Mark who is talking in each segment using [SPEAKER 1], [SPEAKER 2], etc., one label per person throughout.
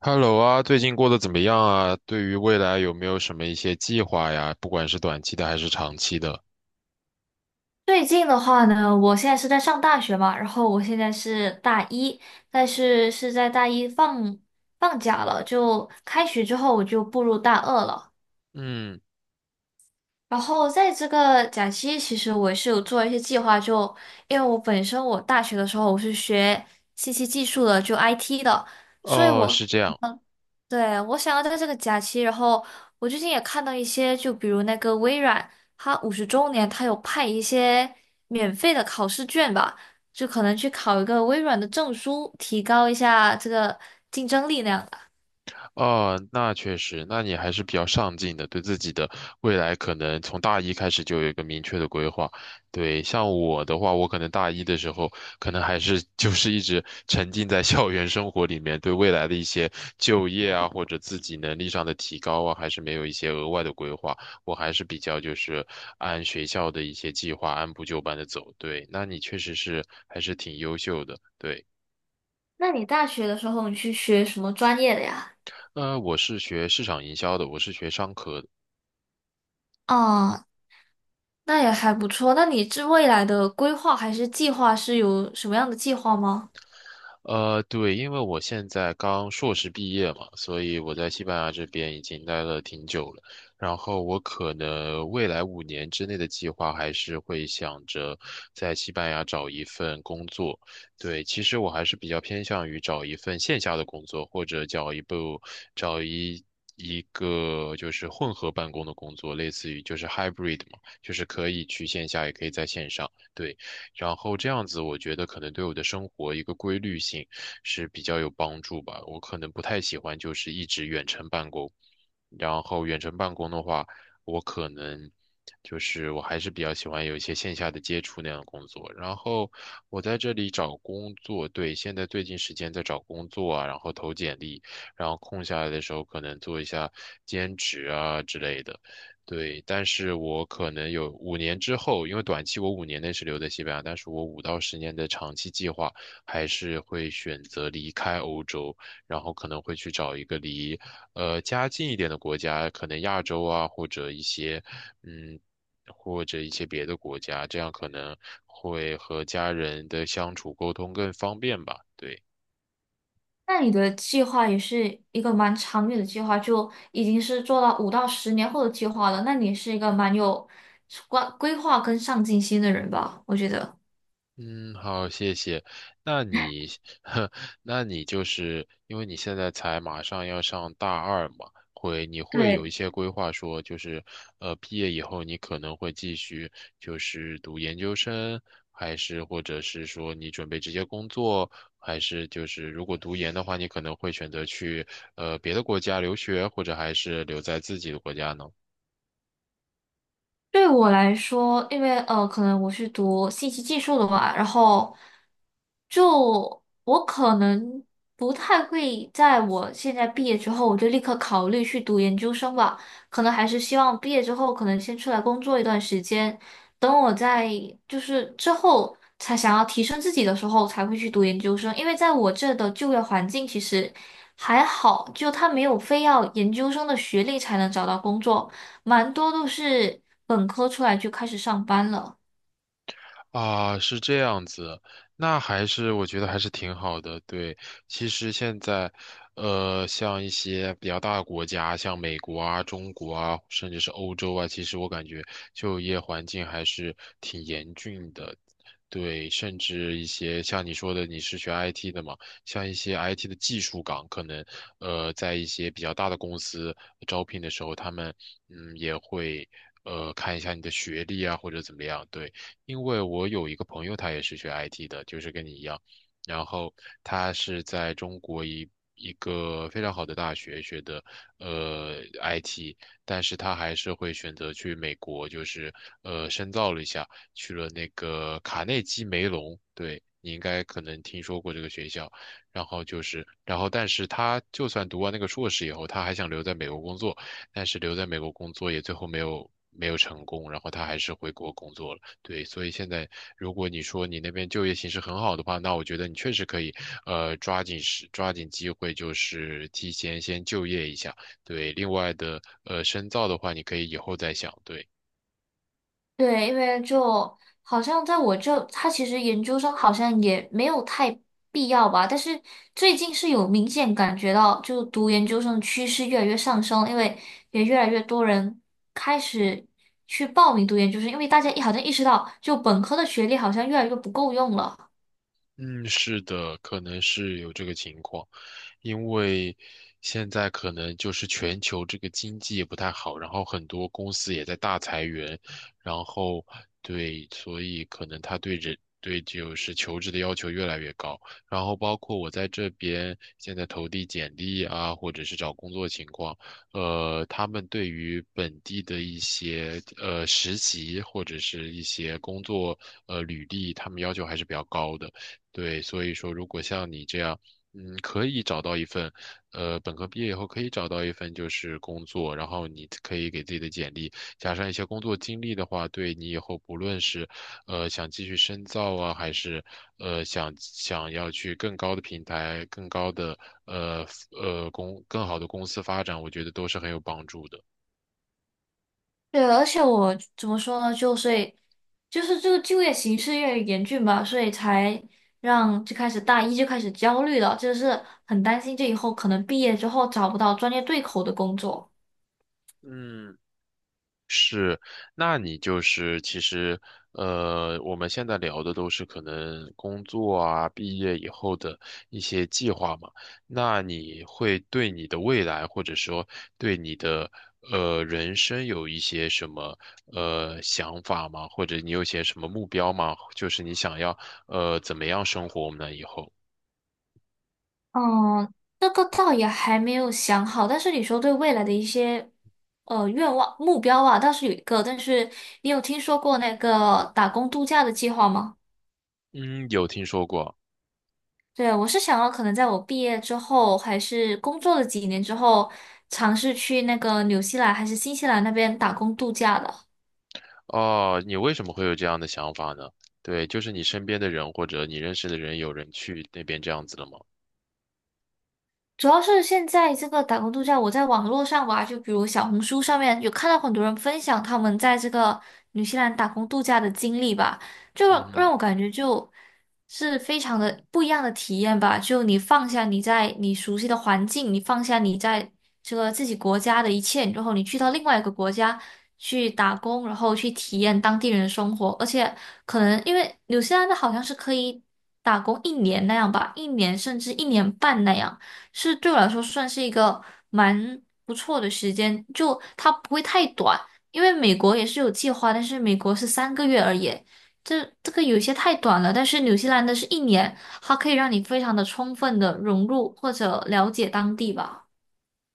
[SPEAKER 1] Hello 啊，最近过得怎么样啊？对于未来有没有什么一些计划呀？不管是短期的还是长期的。
[SPEAKER 2] 最近的话呢，我现在是在上大学嘛，然后我现在是大一，但是是在大一放假了，就开学之后我就步入大二了。
[SPEAKER 1] 嗯。
[SPEAKER 2] 然后在这个假期，其实我是有做一些计划就，因为我本身我大学的时候我是学信息技术的，就 IT 的，所以
[SPEAKER 1] 哦，
[SPEAKER 2] 我
[SPEAKER 1] 是这样。
[SPEAKER 2] 对，我想要在这个假期，然后我最近也看到一些，就比如那个微软，它50周年，它有派一些免费的考试卷吧，就可能去考一个微软的证书，提高一下这个竞争力那样的。
[SPEAKER 1] 哦，那确实，那你还是比较上进的，对自己的未来可能从大一开始就有一个明确的规划。对，像我的话，我可能大一的时候，可能还是 就是一直沉浸在校园生活里面，对未来的一些就业啊，或者自己能力上的提高啊，还是没有一些额外的规划。我还是比较就是按学校的一些计划按部就班的走。对，那你确实是还是挺优秀的。对，
[SPEAKER 2] 那你大学的时候，你去学什么专业的呀？
[SPEAKER 1] 那我是学市场营销的，我是学商科的。
[SPEAKER 2] 哦，那也还不错。那你这未来的规划还是计划是有什么样的计划吗？
[SPEAKER 1] 对，因为我现在刚硕士毕业嘛，所以我在西班牙这边已经待了挺久了。然后我可能未来五年之内的计划还是会想着在西班牙找一份工作。对，其实我还是比较偏向于找一份线下的工作，或者找一部找一。一个就是混合办公的工作，类似于就是 hybrid 嘛，就是可以去线下，也可以在线上。对。然后这样子，我觉得可能对我的生活一个规律性是比较有帮助吧。我可能不太喜欢就是一直远程办公。然后远程办公的话，我可能就是我还是比较喜欢有一些线下的接触那样的工作。然后我在这里找工作，对，现在最近时间在找工作啊，然后投简历，然后空下来的时候可能做一下兼职啊之类的。对，但是我可能有五年之后，因为短期我五年内是留在西班牙，但是我五到十年的长期计划还是会选择离开欧洲，然后可能会去找一个离家近一点的国家，可能亚洲啊，或者一些嗯，或者一些别的国家，这样可能会和家人的相处沟通更方便吧。对。
[SPEAKER 2] 那你的计划也是一个蛮长远的计划，就已经是做到5到10年后的计划了。那你是一个蛮有规划跟上进心的人吧？我觉得。
[SPEAKER 1] 嗯，好，谢谢。那你，呵，那你就是因为你现在才马上要上大二嘛，会你会有一
[SPEAKER 2] 对。
[SPEAKER 1] 些规划说，就是毕业以后你可能会继续就是读研究生，还是或者是说你准备直接工作，还是就是如果读研的话，你可能会选择去别的国家留学，或者还是留在自己的国家呢？
[SPEAKER 2] 对我来说，因为可能我是读信息技术的嘛，然后就我可能不太会在我现在毕业之后，我就立刻考虑去读研究生吧，可能还是希望毕业之后，可能先出来工作一段时间，等我在就是之后才想要提升自己的时候，才会去读研究生，因为在我这的就业环境其实还好，就他没有非要研究生的学历才能找到工作。蛮多都是本科出来就开始上班了。
[SPEAKER 1] 啊，是这样子，那还是我觉得还是挺好的。对，其实现在，像一些比较大的国家，像美国啊、中国啊，甚至是欧洲啊，其实我感觉就业环境还是挺严峻的。对，甚至一些像你说的，你是学 IT 的嘛，像一些 IT 的技术岗，可能在一些比较大的公司招聘的时候，他们嗯也会看一下你的学历啊，或者怎么样。对。因为我有一个朋友，他也是学 IT 的，就是跟你一样，然后他是在中国一个非常好的大学学的IT，但是他还是会选择去美国，就是深造了一下，去了那个卡内基梅隆，对。你应该可能听说过这个学校，然后就是，然后但是他就算读完那个硕士以后，他还想留在美国工作，但是留在美国工作也最后没有成功，然后他还是回国工作了。对，所以现在如果你说你那边就业形势很好的话，那我觉得你确实可以，抓紧机会，就是提前先就业一下。对，另外的深造的话，你可以以后再想。对，
[SPEAKER 2] 对，因为就好像在我这，他其实研究生好像也没有太必要吧。但是最近是有明显感觉到，就读研究生的趋势越来越上升，因为也越来越多人开始去报名读研究生，因为大家一好像意识到，就本科的学历好像越来越不够用了。
[SPEAKER 1] 嗯，是的，可能是有这个情况。因为现在可能就是全球这个经济也不太好，然后很多公司也在大裁员，然后对，所以可能他对人对就是求职的要求越来越高，然后包括我在这边现在投递简历啊，或者是找工作情况，他们对于本地的一些实习或者是一些工作履历，他们要求还是比较高的。对，所以说，如果像你这样，嗯，可以找到一份，本科毕业以后可以找到一份就是工作，然后你可以给自己的简历加上一些工作经历的话，对你以后不论是，想继续深造啊，还是想要去更高的平台、更高的呃呃公更好的公司发展，我觉得都是很有帮助的。
[SPEAKER 2] 对，而且我怎么说呢？就所以就是这个就业形势越来越严峻吧，所以才让就开始大一就开始焦虑了，就是很担心这以后可能毕业之后找不到专业对口的工作。
[SPEAKER 1] 嗯。是，那你就是其实，我们现在聊的都是可能工作啊、毕业以后的一些计划嘛。那你会对你的未来，或者说对你的人生有一些什么想法吗？或者你有些什么目标吗？就是你想要怎么样生活我呢？以后，
[SPEAKER 2] 嗯，这个倒也还没有想好，但是你说对未来的一些愿望目标啊，倒是有一个，但是你有听说过那个打工度假的计划吗？
[SPEAKER 1] 嗯，有听说过。
[SPEAKER 2] 对，我是想要可能在我毕业之后，还是工作了几年之后，尝试去那个纽西兰还是新西兰那边打工度假的。
[SPEAKER 1] 哦，你为什么会有这样的想法呢？对，就是你身边的人或者你认识的人有人去那边这样子了吗？
[SPEAKER 2] 主要是现在这个打工度假，我在网络上吧，就比如小红书上面有看到很多人分享他们在这个纽西兰打工度假的经历吧，就
[SPEAKER 1] 嗯
[SPEAKER 2] 让我感觉就是非常的不一样的体验吧。就你放下你在你熟悉的环境，你放下你在这个自己国家的一切，然后你去到另外一个国家去打工，然后去体验当地人的生活，而且可能因为纽西兰的好像是可以打工一年那样吧，一年甚至一年半那样。是对我来说算是一个蛮不错的时间，就它不会太短，因为美国也是有计划，但是美国是3个月而已，这个有些太短了。但是纽西兰的是一年，它可以让你非常的充分的融入或者了解当地吧。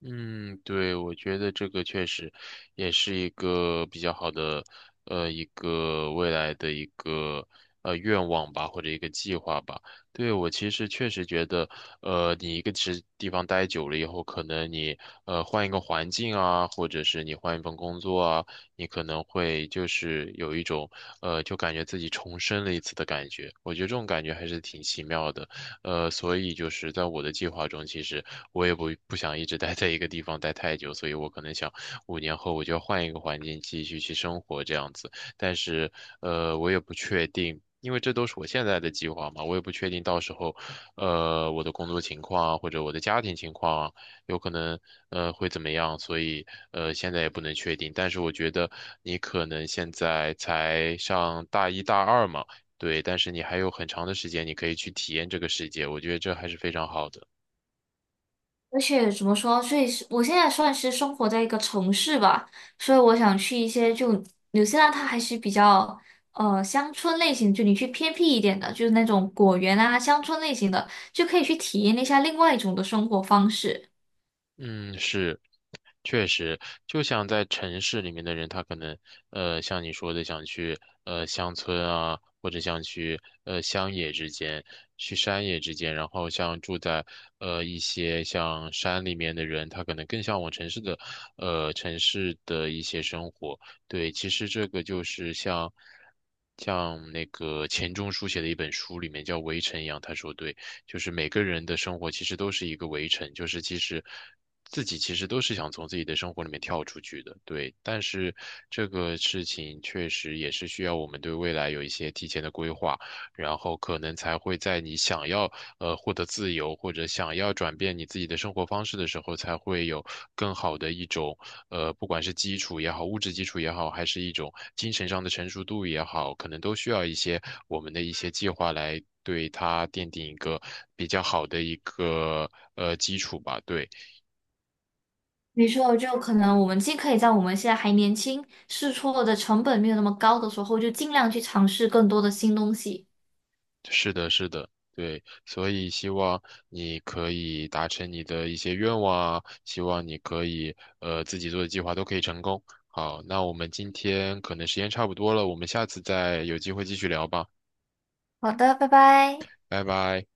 [SPEAKER 1] 嗯，对，我觉得这个确实也是一个比较好的，一个未来的一个愿望吧，或者一个计划吧。对，我其实确实觉得，你一个其实地方待久了以后，可能你换一个环境啊，或者是你换一份工作啊，你可能会就是有一种就感觉自己重生了一次的感觉。我觉得这种感觉还是挺奇妙的。所以就是在我的计划中，其实我也不想一直待在一个地方待太久，所以我可能想五年后我就要换一个环境继续去生活这样子。但是，我也不确定，因为这都是我现在的计划嘛，我也不确定到时候，我的工作情况啊，或者我的家庭情况啊，有可能会怎么样，所以现在也不能确定。但是我觉得你可能现在才上大一大二嘛。对，但是你还有很长的时间，你可以去体验这个世界，我觉得这还是非常好的。
[SPEAKER 2] 而且怎么说，所以是我现在算是生活在一个城市吧，所以我想去一些就纽西兰，它还是比较乡村类型，就你去偏僻一点的，就是那种果园啊乡村类型的，就可以去体验一下另外一种的生活方式。
[SPEAKER 1] 嗯，是。确实，就像在城市里面的人，他可能，像你说的，想去乡村啊，或者想去乡野之间，去山野之间，然后像住在一些像山里面的人，他可能更向往城市的，城市的一些生活。对，其实这个就是像那个钱钟书写的一本书里面叫《围城》一样，他说对。就是每个人的生活其实都是一个围城，就是其实自己其实都是想从自己的生活里面跳出去的，对。但是这个事情确实也是需要我们对未来有一些提前的规划。然后可能才会在你想要获得自由或者想要转变你自己的生活方式的时候，才会有更好的一种不管是基础也好，物质基础也好，还是一种精神上的成熟度也好，可能都需要一些我们的一些计划来对它奠定一个比较好的一个基础吧，对。
[SPEAKER 2] 没错，就可能我们既可以在我们现在还年轻，试错的成本没有那么高的时候，就尽量去尝试更多的新东西。
[SPEAKER 1] 是的，是的，对，所以希望你可以达成你的一些愿望啊，希望你可以自己做的计划都可以成功。好，那我们今天可能时间差不多了，我们下次再有机会继续聊吧，
[SPEAKER 2] 好的，拜拜。
[SPEAKER 1] 拜拜。